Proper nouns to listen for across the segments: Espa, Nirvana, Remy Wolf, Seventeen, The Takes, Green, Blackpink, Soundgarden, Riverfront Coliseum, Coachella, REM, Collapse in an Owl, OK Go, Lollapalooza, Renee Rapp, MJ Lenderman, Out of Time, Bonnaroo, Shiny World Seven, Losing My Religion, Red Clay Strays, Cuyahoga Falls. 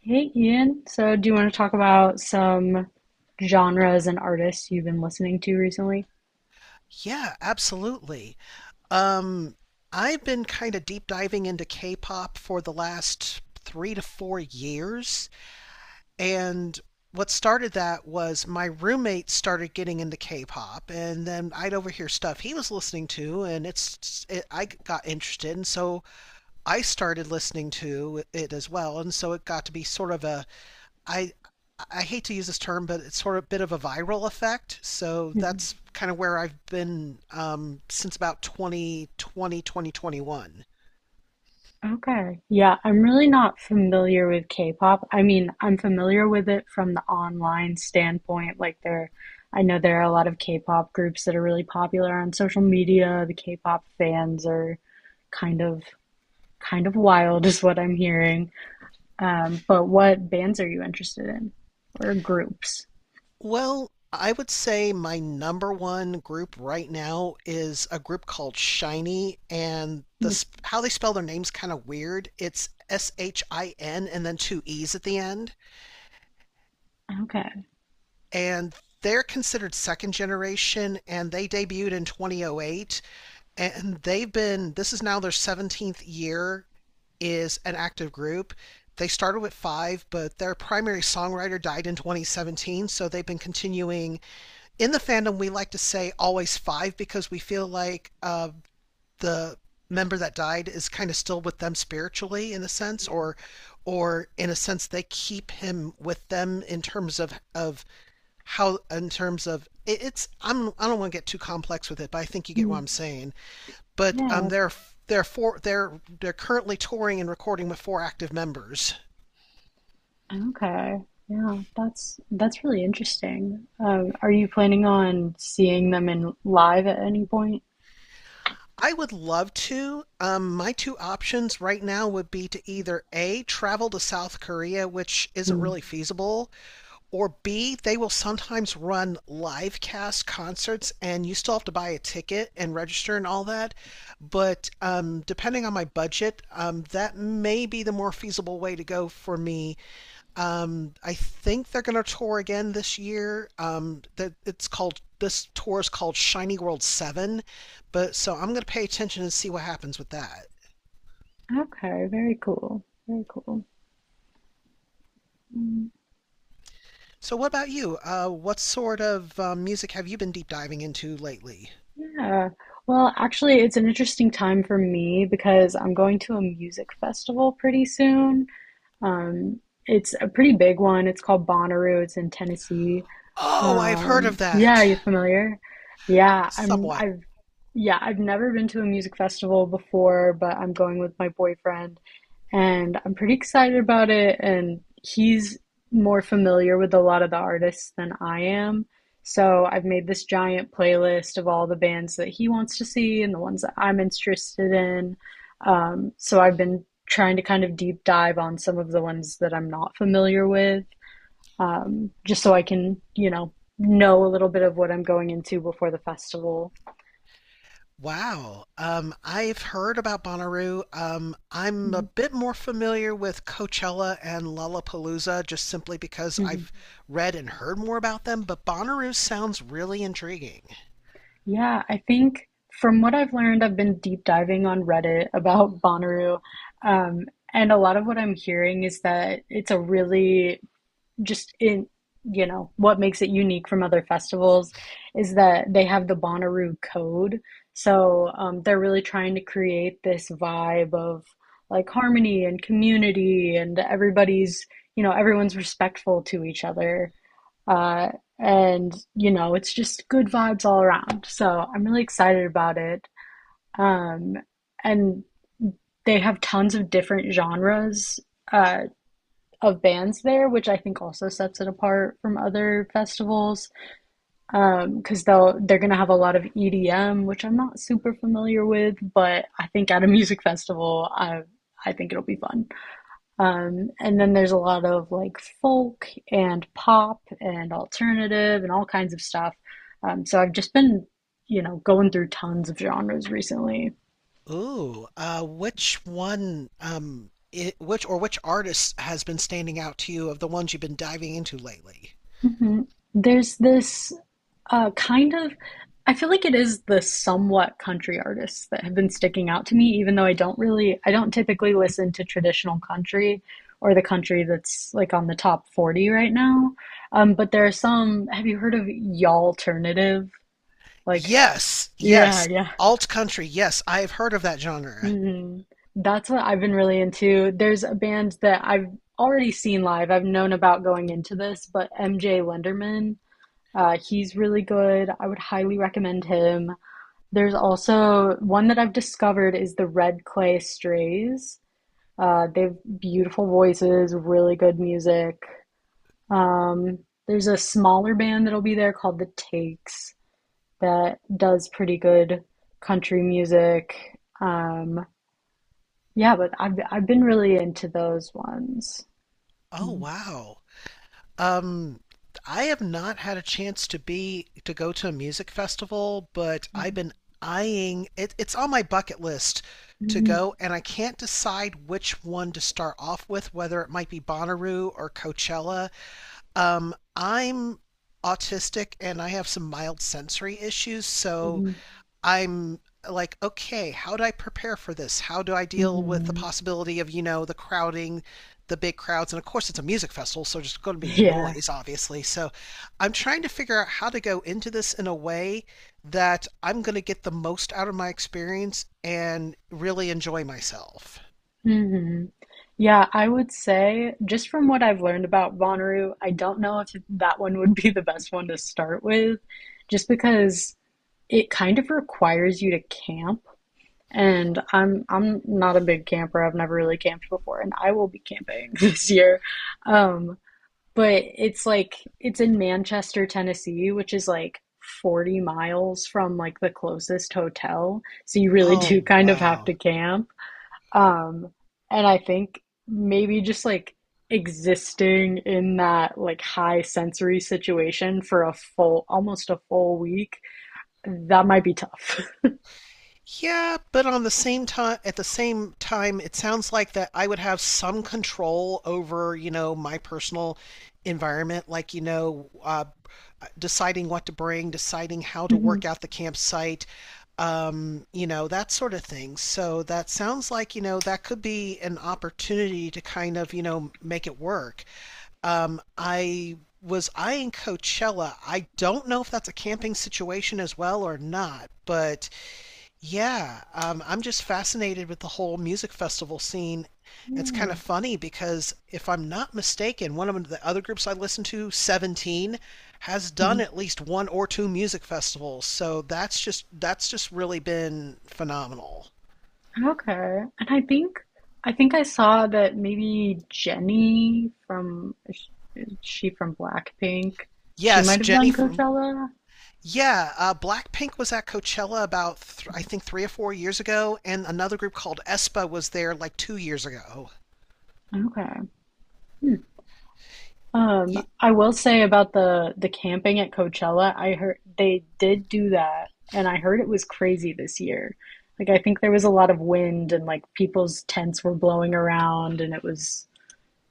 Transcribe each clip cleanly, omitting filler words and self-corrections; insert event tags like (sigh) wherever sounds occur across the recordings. Hey Ian, so do you want to talk about some genres and artists you've been listening to recently? Yeah, absolutely. Um, I've been kind of deep diving into K-pop for the last 3 to 4 years, and what started that was my roommate started getting into K-pop, and then I'd overhear stuff he was listening to, and I got interested, and so I started listening to it as well, and so it got to be sort of a— I I hate to use this term, but it's sort of a bit of a viral effect. So Mhm. that's kind of where I've been since about twenty twenty, 2021. Okay. Yeah, I'm really not familiar with K-pop. I mean, I'm familiar with it from the online standpoint. Like there, I know there are a lot of K-pop groups that are really popular on social media. The K-pop fans are kind of kind of wild (laughs) is what I'm hearing. But what bands are you interested in or groups? Well, I would say my number one group right now is a group called Shiny, and Hmm. How they spell their name's kind of weird. It's SHIN and then two E's at the end, Okay. and they're considered second generation, and they debuted in 2008, and they've been this is now their 17th year is an active group. They started with five, but their primary songwriter died in 2017, so they've been continuing. In the fandom we like to say always five, because we feel like the member that died is kind of still with them spiritually in a sense, or in a sense they keep him with them in terms of how— in terms of it, it's I don't want to get too complex with it, but I think you get what Hmm. I'm saying. But Yeah. They're currently touring and recording with four active members. Okay. Yeah, that's really interesting. Are you planning on seeing them in live at any point? I would love to. My two options right now would be to either A, travel to South Korea, which isn't Hmm. really feasible, or B, they will sometimes run live cast concerts and you still have to buy a ticket and register and all that. But depending on my budget, that may be the more feasible way to go for me. I think they're going to tour again this year. That it's called This tour is called Shiny World Seven, but so I'm going to pay attention and see what happens with that. Okay, very cool. Very cool. Mm, So, what about you? What sort of music have you been deep diving into lately? yeah. Actually, it's an interesting time for me because I'm going to a music festival pretty soon. Um, it's a pretty big one. It's called Bonnaroo. It's in Tennessee. Oh, I've heard of Yeah, that you familiar? Yeah, I'm somewhat. I've yeah, I've never been to a music festival before, but I'm going with my boyfriend, and I'm pretty excited about it, and he's more familiar with a lot of the artists than I am. So I've made this giant playlist of all the bands that he wants to see and the ones that I'm interested in. So I've been trying to kind of deep dive on some of the ones that I'm not familiar with just so I can, know a little bit of what I'm going into before the festival. Wow. I've heard about Bonnaroo. I'm a Mhm. bit more familiar with Coachella and Lollapalooza, just simply because Mhm. I've read and heard more about them, but Bonnaroo sounds really intriguing. Yeah, I think from what I've learned, I've been deep diving on Reddit (laughs) about Bonnaroo, um, and a lot of what I'm hearing is that it's a really just in you know what makes it unique from other festivals is that they have the Bonnaroo code. So they're really trying to create this vibe of like harmony and community, and everybody's you know everyone's respectful to each other, uh, and you know it's just good vibes all around. So I'm really excited about it, um, and they have tons of different genres. Uh, of bands there, which I think also sets it apart from other festivals, because cause they'll, they're gonna have a lot of EDM, which I'm not super familiar with, but I think at a (laughs) music festival, I think it'll be fun. And then there's a lot of like folk and pop and alternative and all kinds of stuff. So I've just been, you know, going through tons of genres recently. Ooh, which one, which or which artist has been standing out to you of the ones you've been diving into lately? Mhm. There's this uh, kind of, I feel like it is the somewhat country artists that have been sticking out to me, even though I don't typically listen to traditional country or the country that's like on the top 40 right now. But there are some, have you heard of y'alternative? Like, Yes, yeah, yes, yeah. alt country. Yes, I have heard of that genre. Hmm. That's what I've been really into. There's a band that I've already seen live. I've known about going into this, but MJ Lenderman. He's really good. I would highly recommend him. There's also one that I've discovered is the Red Clay Strays. They have beautiful voices, really good music. Um, there's a smaller band that'll be there called The Takes that does pretty good country music. Um, yeah, but I've been really into those ones. Oh, Mhm. wow. Um, I have not had a chance to be to go to a music festival, but I've been eyeing it. It's on my bucket list to Mhm. go, and I can't decide which one to start off with, whether it might be Bonnaroo or Coachella. I'm autistic, and I have some mild sensory issues, so Mhm. I'm like, okay, how do I prepare for this? How do I deal with the Mhm. possibility of, you know, the crowding, the big crowds? And of course, it's a music festival, so there's going to be Yeah. noise, obviously. So I'm trying to figure out how to go into this in a way that I'm going to get the most out of my experience and really enjoy myself. Mm-hmm. Yeah, I would say just from what I've learned about Bonnaroo, I don't know if that one would (laughs) be the best one to start with, just because it kind of requires you to camp. And I'm not a big camper. I've never really camped before, and I will be camping (laughs) this year. Um, but it's like it's in Manchester, Tennessee, which is like 40 miles from like the closest hotel. So you really (laughs) do Oh, kind of have wow. to camp. Um, and I think maybe just like existing in that like high sensory situation for a full, almost a full week, that might be tough. Yeah, but on the same time, at the same time, it sounds like that I would have some control over, you know, my personal environment, like, you know, deciding what to bring, deciding how (laughs) to Hmm. work out the campsite, you know, that sort of thing. So that sounds like, you know, that could be an opportunity to kind of, you know, make it work. I was eyeing Coachella. I don't know if that's a camping situation as well or not, but yeah, I'm just fascinated with the whole music festival scene. It's kind of Yeah. funny, because if I'm not mistaken, one of the other groups I listen to, 17, has done Mhm. at least one or two music festivals. So that's just really been phenomenal. Okay. And I think I saw that maybe Jenny from is she from Blackpink, she Yes, might have Jenny done from— Coachella. yeah, Blackpink was at Coachella about th I think 3 or 4 years ago, and another group called Espa was there like 2 years ago. Okay. I will say about the camping at Coachella, I heard they did do that, and I heard it was crazy this year. Like I think there was a lot of wind and like people's tents were blowing around and it was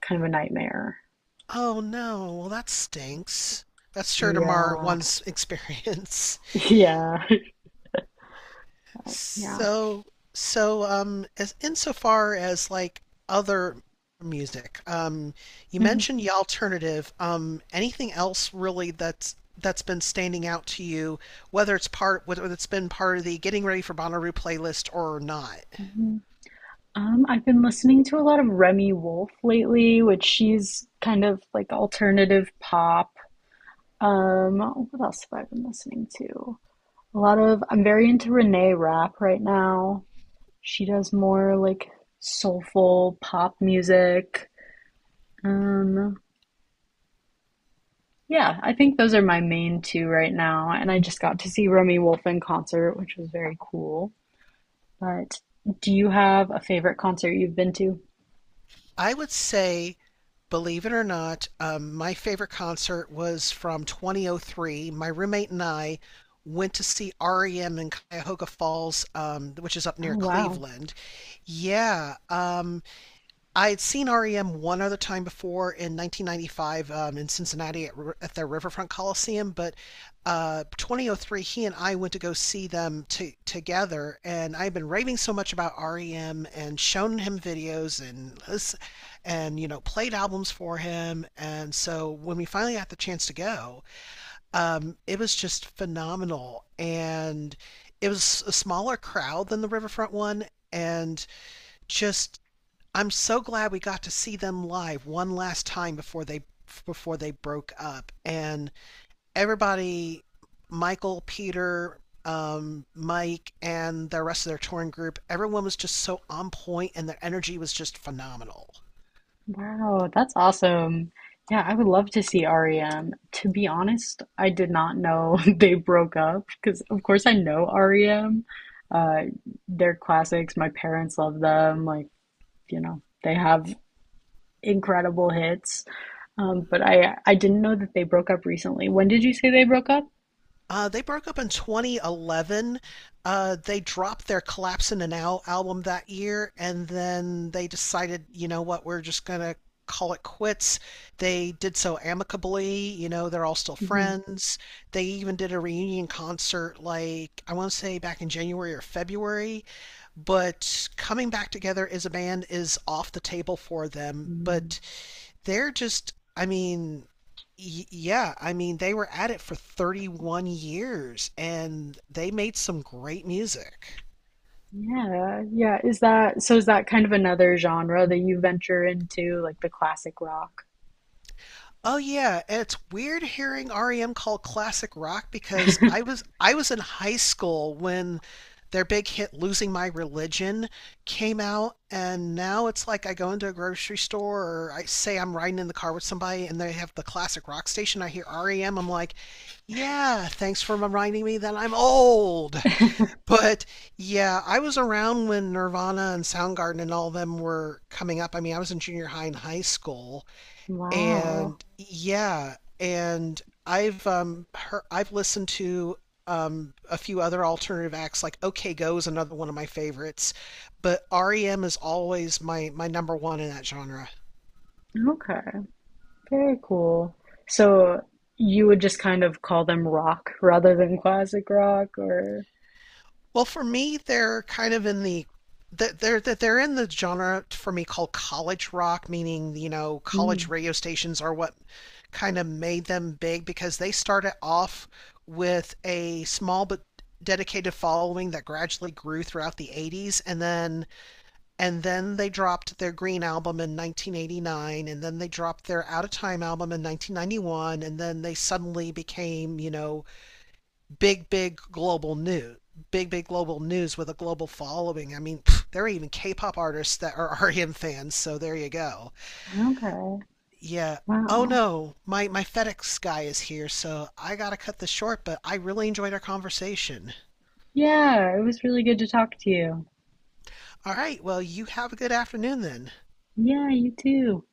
kind of a nightmare. Oh no, well that stinks. That's sure to mar Yeah. one's experience. (laughs) (laughs) Yeah. (laughs) Yeah. So as insofar as like other music, you Mhm. mentioned the alternative. Anything else really that's been standing out to you, whether it's part whether it's been part of the Getting Ready for Bonnaroo playlist or not? Mhm. I've been listening to a lot of Remy Wolf lately, which she's kind of like alternative pop. Um, what else have I been listening to? A lot of I'm very into Renee Rapp right now. She does more like soulful pop music. Um, yeah, I think those are my main two right now. And I just got to see Romy Wolf in concert, which was very cool. But do you have a favorite concert you've been to? I would say, believe it or not, my favorite concert was from 2003. My roommate and I went to see REM in Cuyahoga Falls, which is up near Oh, wow. Cleveland. Yeah. I had seen REM one other time before, in 1995, in Cincinnati at— at their Riverfront Coliseum, but 2003, he and I went to go see them together, and I've been raving so much about REM and shown him videos, and you know, played albums for him, and so when we finally got the chance to go, it was just phenomenal, and it was a smaller crowd than the Riverfront one, and just, I'm so glad we got to see them live one last time before they broke up. And everybody— Michael, Peter, Mike, and the rest of their touring group— everyone was just so on point, and their energy was just phenomenal. Wow, that's awesome. Yeah, I would love to see REM. To be honest, I did not know (laughs) they broke up because, of course, I know REM. Uh, they're classics. My parents love them. Like, you know, they have incredible hits. But I didn't know that they broke up recently. When did you say they broke up? They broke up in 2011. They dropped their Collapse in an Owl album that year, and then they decided, you know what, we're just going to call it quits. They did so amicably, you know, they're all still Hmm. friends. They even did a reunion concert, like, I want to say back in January or February, but coming back together as a band is off the table for them. But they're just, I mean, yeah, I mean, they were at it for 31 years, and they made some great music. Yeah, yeah. Is that so? Is that kind of another genre that you venture into, like the classic rock? Oh yeah, and it's weird hearing REM called classic rock, because I was in high school when their big hit Losing My Religion came out, and now it's like I go into a grocery store, or I say I'm riding in the car with somebody and they have the classic rock station, I hear REM, I'm like, "Yeah, thanks for reminding me that I'm old." But yeah, I was around when Nirvana and Soundgarden and all of them were coming up. I mean, I was in junior high and high school, Wow. and yeah, and I've listened to a few other alternative acts, like OK Go is another one of my favorites, but REM is always my number one in that genre. Okay. Very cool. So you would just kind of call them rock rather than classic rock or Well, for me, they're kind of in the— they're in the genre for me called college rock, meaning, you know, college Mm, radio stations are what kind of made them big, because they started off with a small but dedicated following that gradually grew throughout the 80s, and then they dropped their Green album in 1989, and then they dropped their Out of Time album in 1991, and then they suddenly became, you know, big, big global news, big, big global news with a global following. I mean, pff, there are even K-pop artists that are (laughs) RM fans, so there you go. okay. Yeah. Oh Wow. no, my FedEx guy is here, so I gotta cut this short. But I really enjoyed our conversation. Yeah, it was really good to talk to you. All right. Well, you have a good afternoon then. Yeah, you too.